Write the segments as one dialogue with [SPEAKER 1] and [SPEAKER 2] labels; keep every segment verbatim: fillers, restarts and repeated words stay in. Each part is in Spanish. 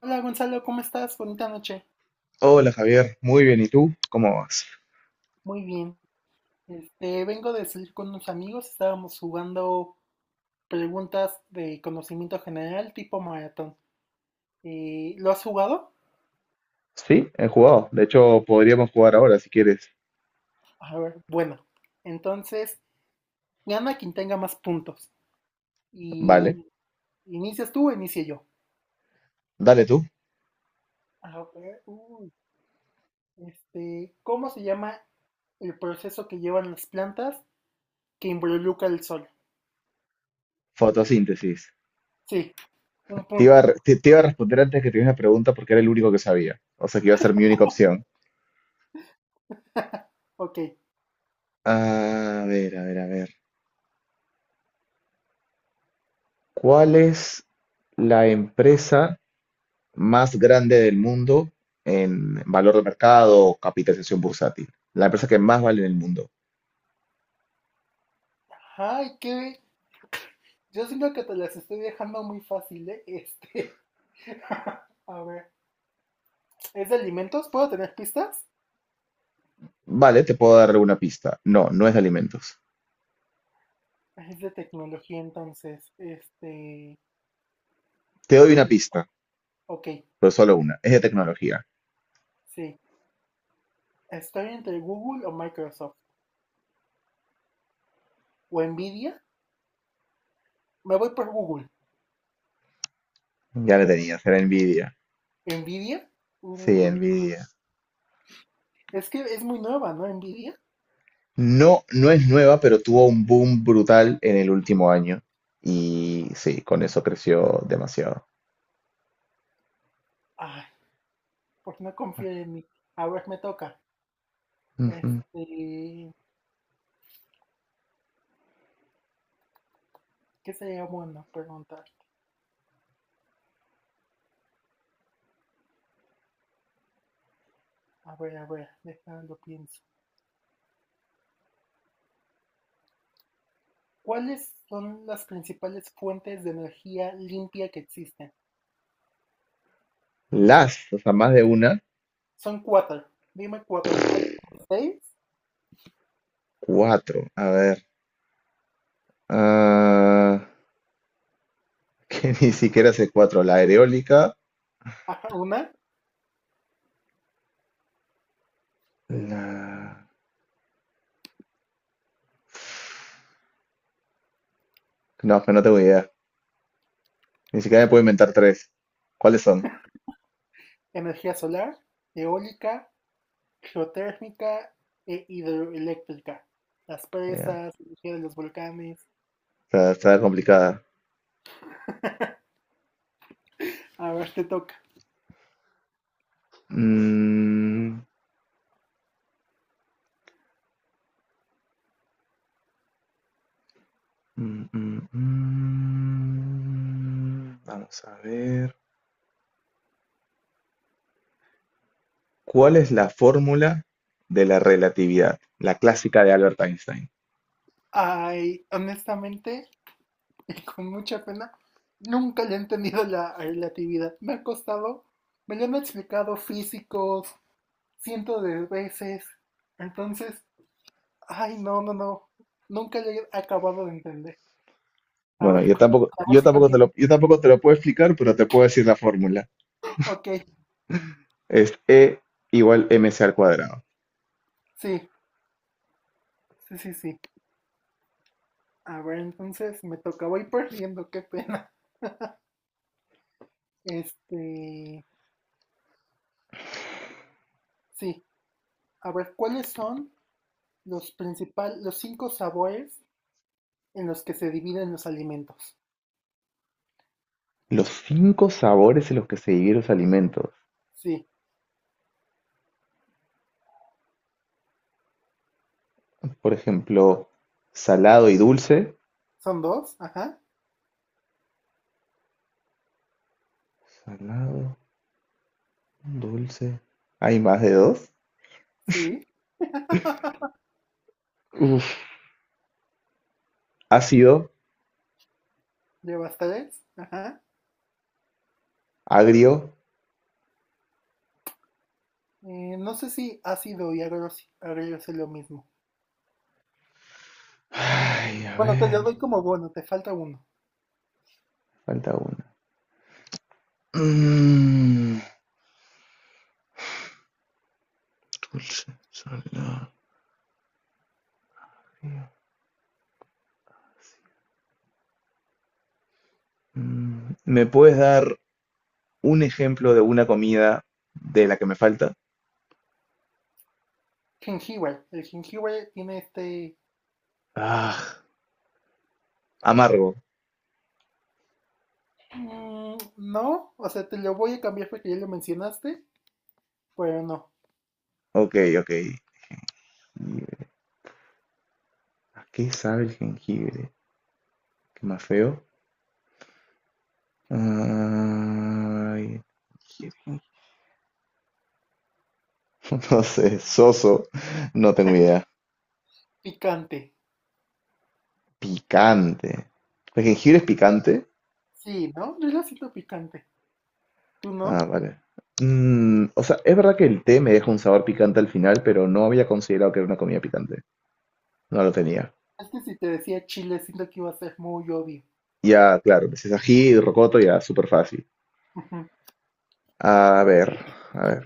[SPEAKER 1] Hola Gonzalo, ¿cómo estás? Bonita noche.
[SPEAKER 2] Hola Javier, muy bien. ¿Y tú? ¿Cómo vas?
[SPEAKER 1] Muy bien. Este, vengo de salir con unos amigos, estábamos jugando preguntas de conocimiento general tipo maratón. Eh, ¿lo has jugado?
[SPEAKER 2] Sí, he jugado. De hecho, podríamos jugar ahora si quieres.
[SPEAKER 1] A ver, bueno. Entonces, gana quien tenga más puntos.
[SPEAKER 2] Vale,
[SPEAKER 1] Y inicias tú o inicie yo.
[SPEAKER 2] dale tú.
[SPEAKER 1] A ver, uy, este, ¿cómo se llama el proceso que llevan las plantas que involucra el sol?
[SPEAKER 2] Fotosíntesis.
[SPEAKER 1] Sí, un
[SPEAKER 2] Te iba a,
[SPEAKER 1] punto.
[SPEAKER 2] re- te, te iba a responder antes que tuvieras una pregunta porque era el único que sabía. O sea que iba a ser mi única opción.
[SPEAKER 1] Ok.
[SPEAKER 2] A ver, a ver, a ver. ¿Cuál es la empresa más grande del mundo en valor de mercado o capitalización bursátil? La empresa que más vale en el mundo.
[SPEAKER 1] Ay, qué, yo siento que te las estoy dejando muy fácil, ¿eh? Este. A ver. ¿Es de alimentos? ¿Puedo tener pistas?
[SPEAKER 2] Vale, te puedo dar una pista. No, no es de alimentos.
[SPEAKER 1] Es de tecnología, entonces. Este.
[SPEAKER 2] Te doy una pista.
[SPEAKER 1] Ok,
[SPEAKER 2] pero solo una. Es de tecnología.
[SPEAKER 1] sí. Estoy entre Google o Microsoft. ¿O Nvidia? Me voy por Google.
[SPEAKER 2] Ya la Mm. tenías, era Nvidia.
[SPEAKER 1] ¿Nvidia?
[SPEAKER 2] Sí,
[SPEAKER 1] Google.
[SPEAKER 2] Nvidia.
[SPEAKER 1] Es que es muy nueva, ¿no? Nvidia.
[SPEAKER 2] No, no es nueva, pero tuvo un boom brutal en el último año. Y sí, con eso creció demasiado.
[SPEAKER 1] Ay, pues no confío en mí. A ver, me toca.
[SPEAKER 2] Ujú.
[SPEAKER 1] Este. ¿Qué sería bueno preguntar? A ver, a ver, déjalo pienso. ¿Cuáles son las principales fuentes de energía limpia que existen?
[SPEAKER 2] Las, o sea, más de una,
[SPEAKER 1] Son cuatro. Dime cuatro. Hay como seis.
[SPEAKER 2] cuatro. A ver. ah, que ni siquiera sé cuatro. La aerólica.
[SPEAKER 1] Ajá, una.
[SPEAKER 2] La... No, pero no tengo idea. Ni siquiera me puedo
[SPEAKER 1] eh,
[SPEAKER 2] inventar tres. ¿Cuáles son?
[SPEAKER 1] Energía solar, eólica, geotérmica e hidroeléctrica. Las
[SPEAKER 2] Ya.
[SPEAKER 1] presas, energía de los volcanes.
[SPEAKER 2] Está, está complicada.
[SPEAKER 1] A ver, te toca.
[SPEAKER 2] Mm, Mm, mm, mm. Vamos a ver. ¿Cuál es la fórmula de la relatividad? La clásica de Albert Einstein.
[SPEAKER 1] Ay, honestamente, y con mucha pena, nunca le he entendido la relatividad. Me ha costado, me lo han explicado físicos cientos de veces. Entonces, ay, no, no, no. Nunca lo he acabado de entender. A
[SPEAKER 2] Bueno,
[SPEAKER 1] ver,
[SPEAKER 2] yo
[SPEAKER 1] cu-
[SPEAKER 2] tampoco,
[SPEAKER 1] a ver
[SPEAKER 2] yo
[SPEAKER 1] si
[SPEAKER 2] tampoco te
[SPEAKER 1] continúo.
[SPEAKER 2] lo, yo tampoco te lo puedo explicar, pero te puedo decir la fórmula.
[SPEAKER 1] Ok,
[SPEAKER 2] Es E igual mc al cuadrado.
[SPEAKER 1] sí, sí, sí, sí. A ver, entonces me toca. Voy perdiendo, qué pena. Este, sí. A ver, ¿cuáles son los principales, los cinco sabores en los que se dividen los alimentos?
[SPEAKER 2] Los cinco sabores en los que se dividen los alimentos.
[SPEAKER 1] Sí,
[SPEAKER 2] Por ejemplo, salado y dulce.
[SPEAKER 1] son dos, ajá,
[SPEAKER 2] Salado, dulce. ¿Hay más de dos?
[SPEAKER 1] sí.
[SPEAKER 2] Uf, ácido,
[SPEAKER 1] Llevas tres, ajá.
[SPEAKER 2] agrio.
[SPEAKER 1] Eh, no sé si ácido y agrio agrio es lo mismo.
[SPEAKER 2] Ay, a
[SPEAKER 1] Bueno, te
[SPEAKER 2] ver.
[SPEAKER 1] lo doy como bono, te falta uno.
[SPEAKER 2] Falta una. Mm, dulce, salada. Mm, ¿Me puedes dar un ejemplo de una comida de la que me falta?
[SPEAKER 1] Jengibre. El jengibre tiene este.
[SPEAKER 2] Ah, amargo.
[SPEAKER 1] Mm, no, o sea, te lo voy a cambiar porque ya lo mencionaste, pero no.
[SPEAKER 2] Ok, ok. Jengibre. ¿A qué sabe el jengibre? ¿Qué más feo? Ay, jengibre. No sé, soso. No tengo idea.
[SPEAKER 1] Picante.
[SPEAKER 2] Picante. ¿El jengibre es picante?
[SPEAKER 1] Sí, ¿no? Yo lo siento picante. ¿Tú
[SPEAKER 2] Ah,
[SPEAKER 1] no?
[SPEAKER 2] vale. Mm, o sea, es verdad que el té me deja un sabor picante al final, pero no había considerado que era una comida picante. No lo tenía.
[SPEAKER 1] Es que si te decía chile, siento que iba a ser muy obvio.
[SPEAKER 2] Ya, claro, pues es ají y rocoto, ya, súper fácil. A ver, a ver.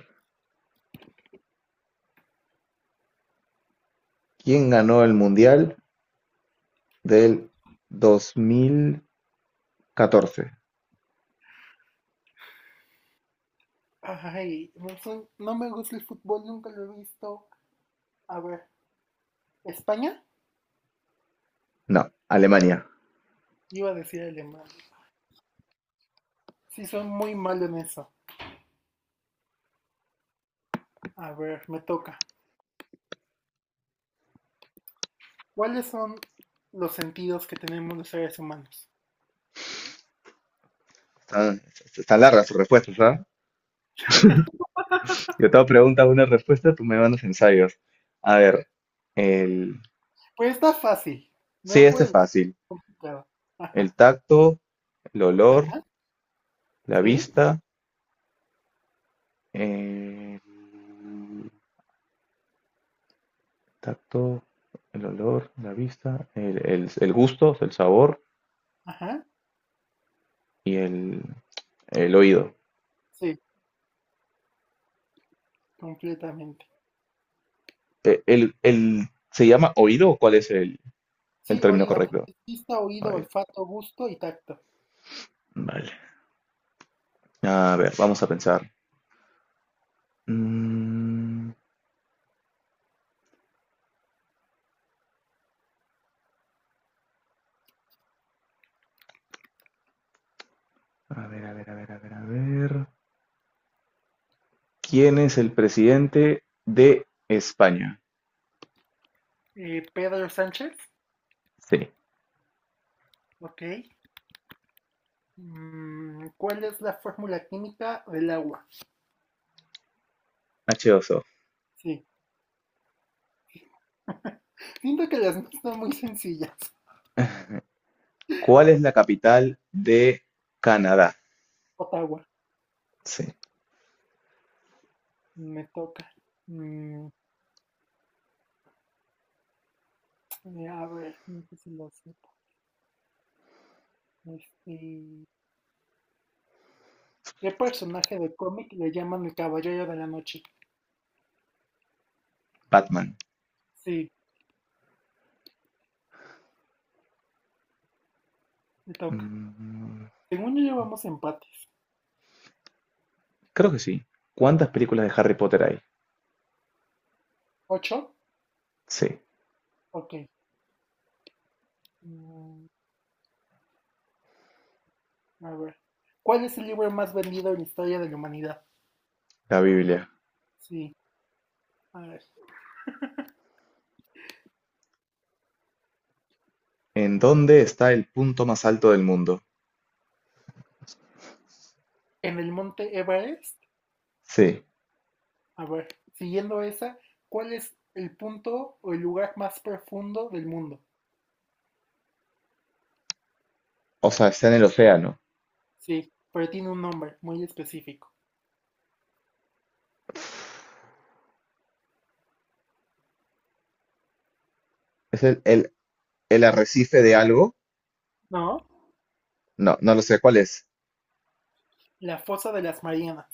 [SPEAKER 2] ¿Quién ganó el Mundial del dos mil catorce?
[SPEAKER 1] Ay, no sé, no me gusta el fútbol, nunca lo he visto. A ver, ¿España?
[SPEAKER 2] No, Alemania.
[SPEAKER 1] Iba a decir Alemania. Sí, soy muy malo en eso. A ver, me toca. ¿Cuáles son los sentidos que tenemos los seres humanos?
[SPEAKER 2] Están, están largas sus respuestas, ¿ah? Yo te hago pregunta, una respuesta, tú me mandas ensayos. A ver, el...
[SPEAKER 1] Pues está fácil.
[SPEAKER 2] Sí,
[SPEAKER 1] No
[SPEAKER 2] este es
[SPEAKER 1] puedes
[SPEAKER 2] fácil.
[SPEAKER 1] complicado.
[SPEAKER 2] El
[SPEAKER 1] Ajá,
[SPEAKER 2] tacto, el olor,
[SPEAKER 1] ajá,
[SPEAKER 2] la
[SPEAKER 1] sí,
[SPEAKER 2] vista El tacto, el olor, la vista, el, el- el gusto, el sabor
[SPEAKER 1] ajá,
[SPEAKER 2] y el, el oído.
[SPEAKER 1] sí, completamente.
[SPEAKER 2] Eh, El, el- ¿Se llama oído o cuál es el, el
[SPEAKER 1] Sí,
[SPEAKER 2] término
[SPEAKER 1] oído,
[SPEAKER 2] correcto?
[SPEAKER 1] vista, oído,
[SPEAKER 2] Oído.
[SPEAKER 1] olfato, gusto y tacto.
[SPEAKER 2] Vale. A ver, vamos a pensar. Mm, a ver, a ver, a ver, a ver, a ver. ¿Quién es el presidente de España?
[SPEAKER 1] Eh, Pedro Sánchez,
[SPEAKER 2] Sí,
[SPEAKER 1] ok. Mm, ¿cuál es la fórmula química del agua?
[SPEAKER 2] hache dos o.
[SPEAKER 1] Sí, siento que las mías son muy sencillas.
[SPEAKER 2] ¿Cuál es la capital de Canadá?
[SPEAKER 1] Ottawa,
[SPEAKER 2] Sí,
[SPEAKER 1] me toca. Mm, eh, a ver, no sé si lo sepa. Este, ¿Qué personaje de cómic le llaman el Caballero de la Noche?
[SPEAKER 2] Batman.
[SPEAKER 1] Sí, me toca.
[SPEAKER 2] Mm,
[SPEAKER 1] Según yo llevamos empates.
[SPEAKER 2] Creo que sí. ¿Cuántas películas de Harry Potter hay?
[SPEAKER 1] ¿Ocho?
[SPEAKER 2] Sí,
[SPEAKER 1] Ok. mm, a ver. ¿Cuál es el libro más vendido en la historia de la humanidad?
[SPEAKER 2] la Biblia.
[SPEAKER 1] Sí. A ver.
[SPEAKER 2] ¿En dónde está el punto más alto del mundo?
[SPEAKER 1] En el monte Everest.
[SPEAKER 2] Sí,
[SPEAKER 1] A ver. Siguiendo esa, ¿cuál es el punto o el lugar más profundo del mundo?
[SPEAKER 2] o sea, está en el océano.
[SPEAKER 1] Sí. Pero tiene un nombre muy específico.
[SPEAKER 2] ¿Es el, el, el arrecife de algo?
[SPEAKER 1] ¿No?
[SPEAKER 2] No, no lo sé, ¿cuál es?
[SPEAKER 1] La fosa de las Marianas.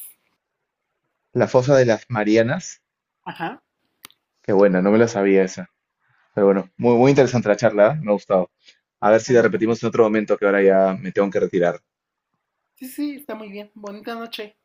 [SPEAKER 2] ¿La fosa de las Marianas?
[SPEAKER 1] Ajá.
[SPEAKER 2] Qué buena, no me la sabía esa. Pero bueno, muy, muy interesante la charla, ¿eh? Me ha gustado. A ver
[SPEAKER 1] A
[SPEAKER 2] si la
[SPEAKER 1] mí también.
[SPEAKER 2] repetimos en otro momento, que ahora ya me tengo que retirar.
[SPEAKER 1] Sí, sí, sí, está muy bien. Bonita noche.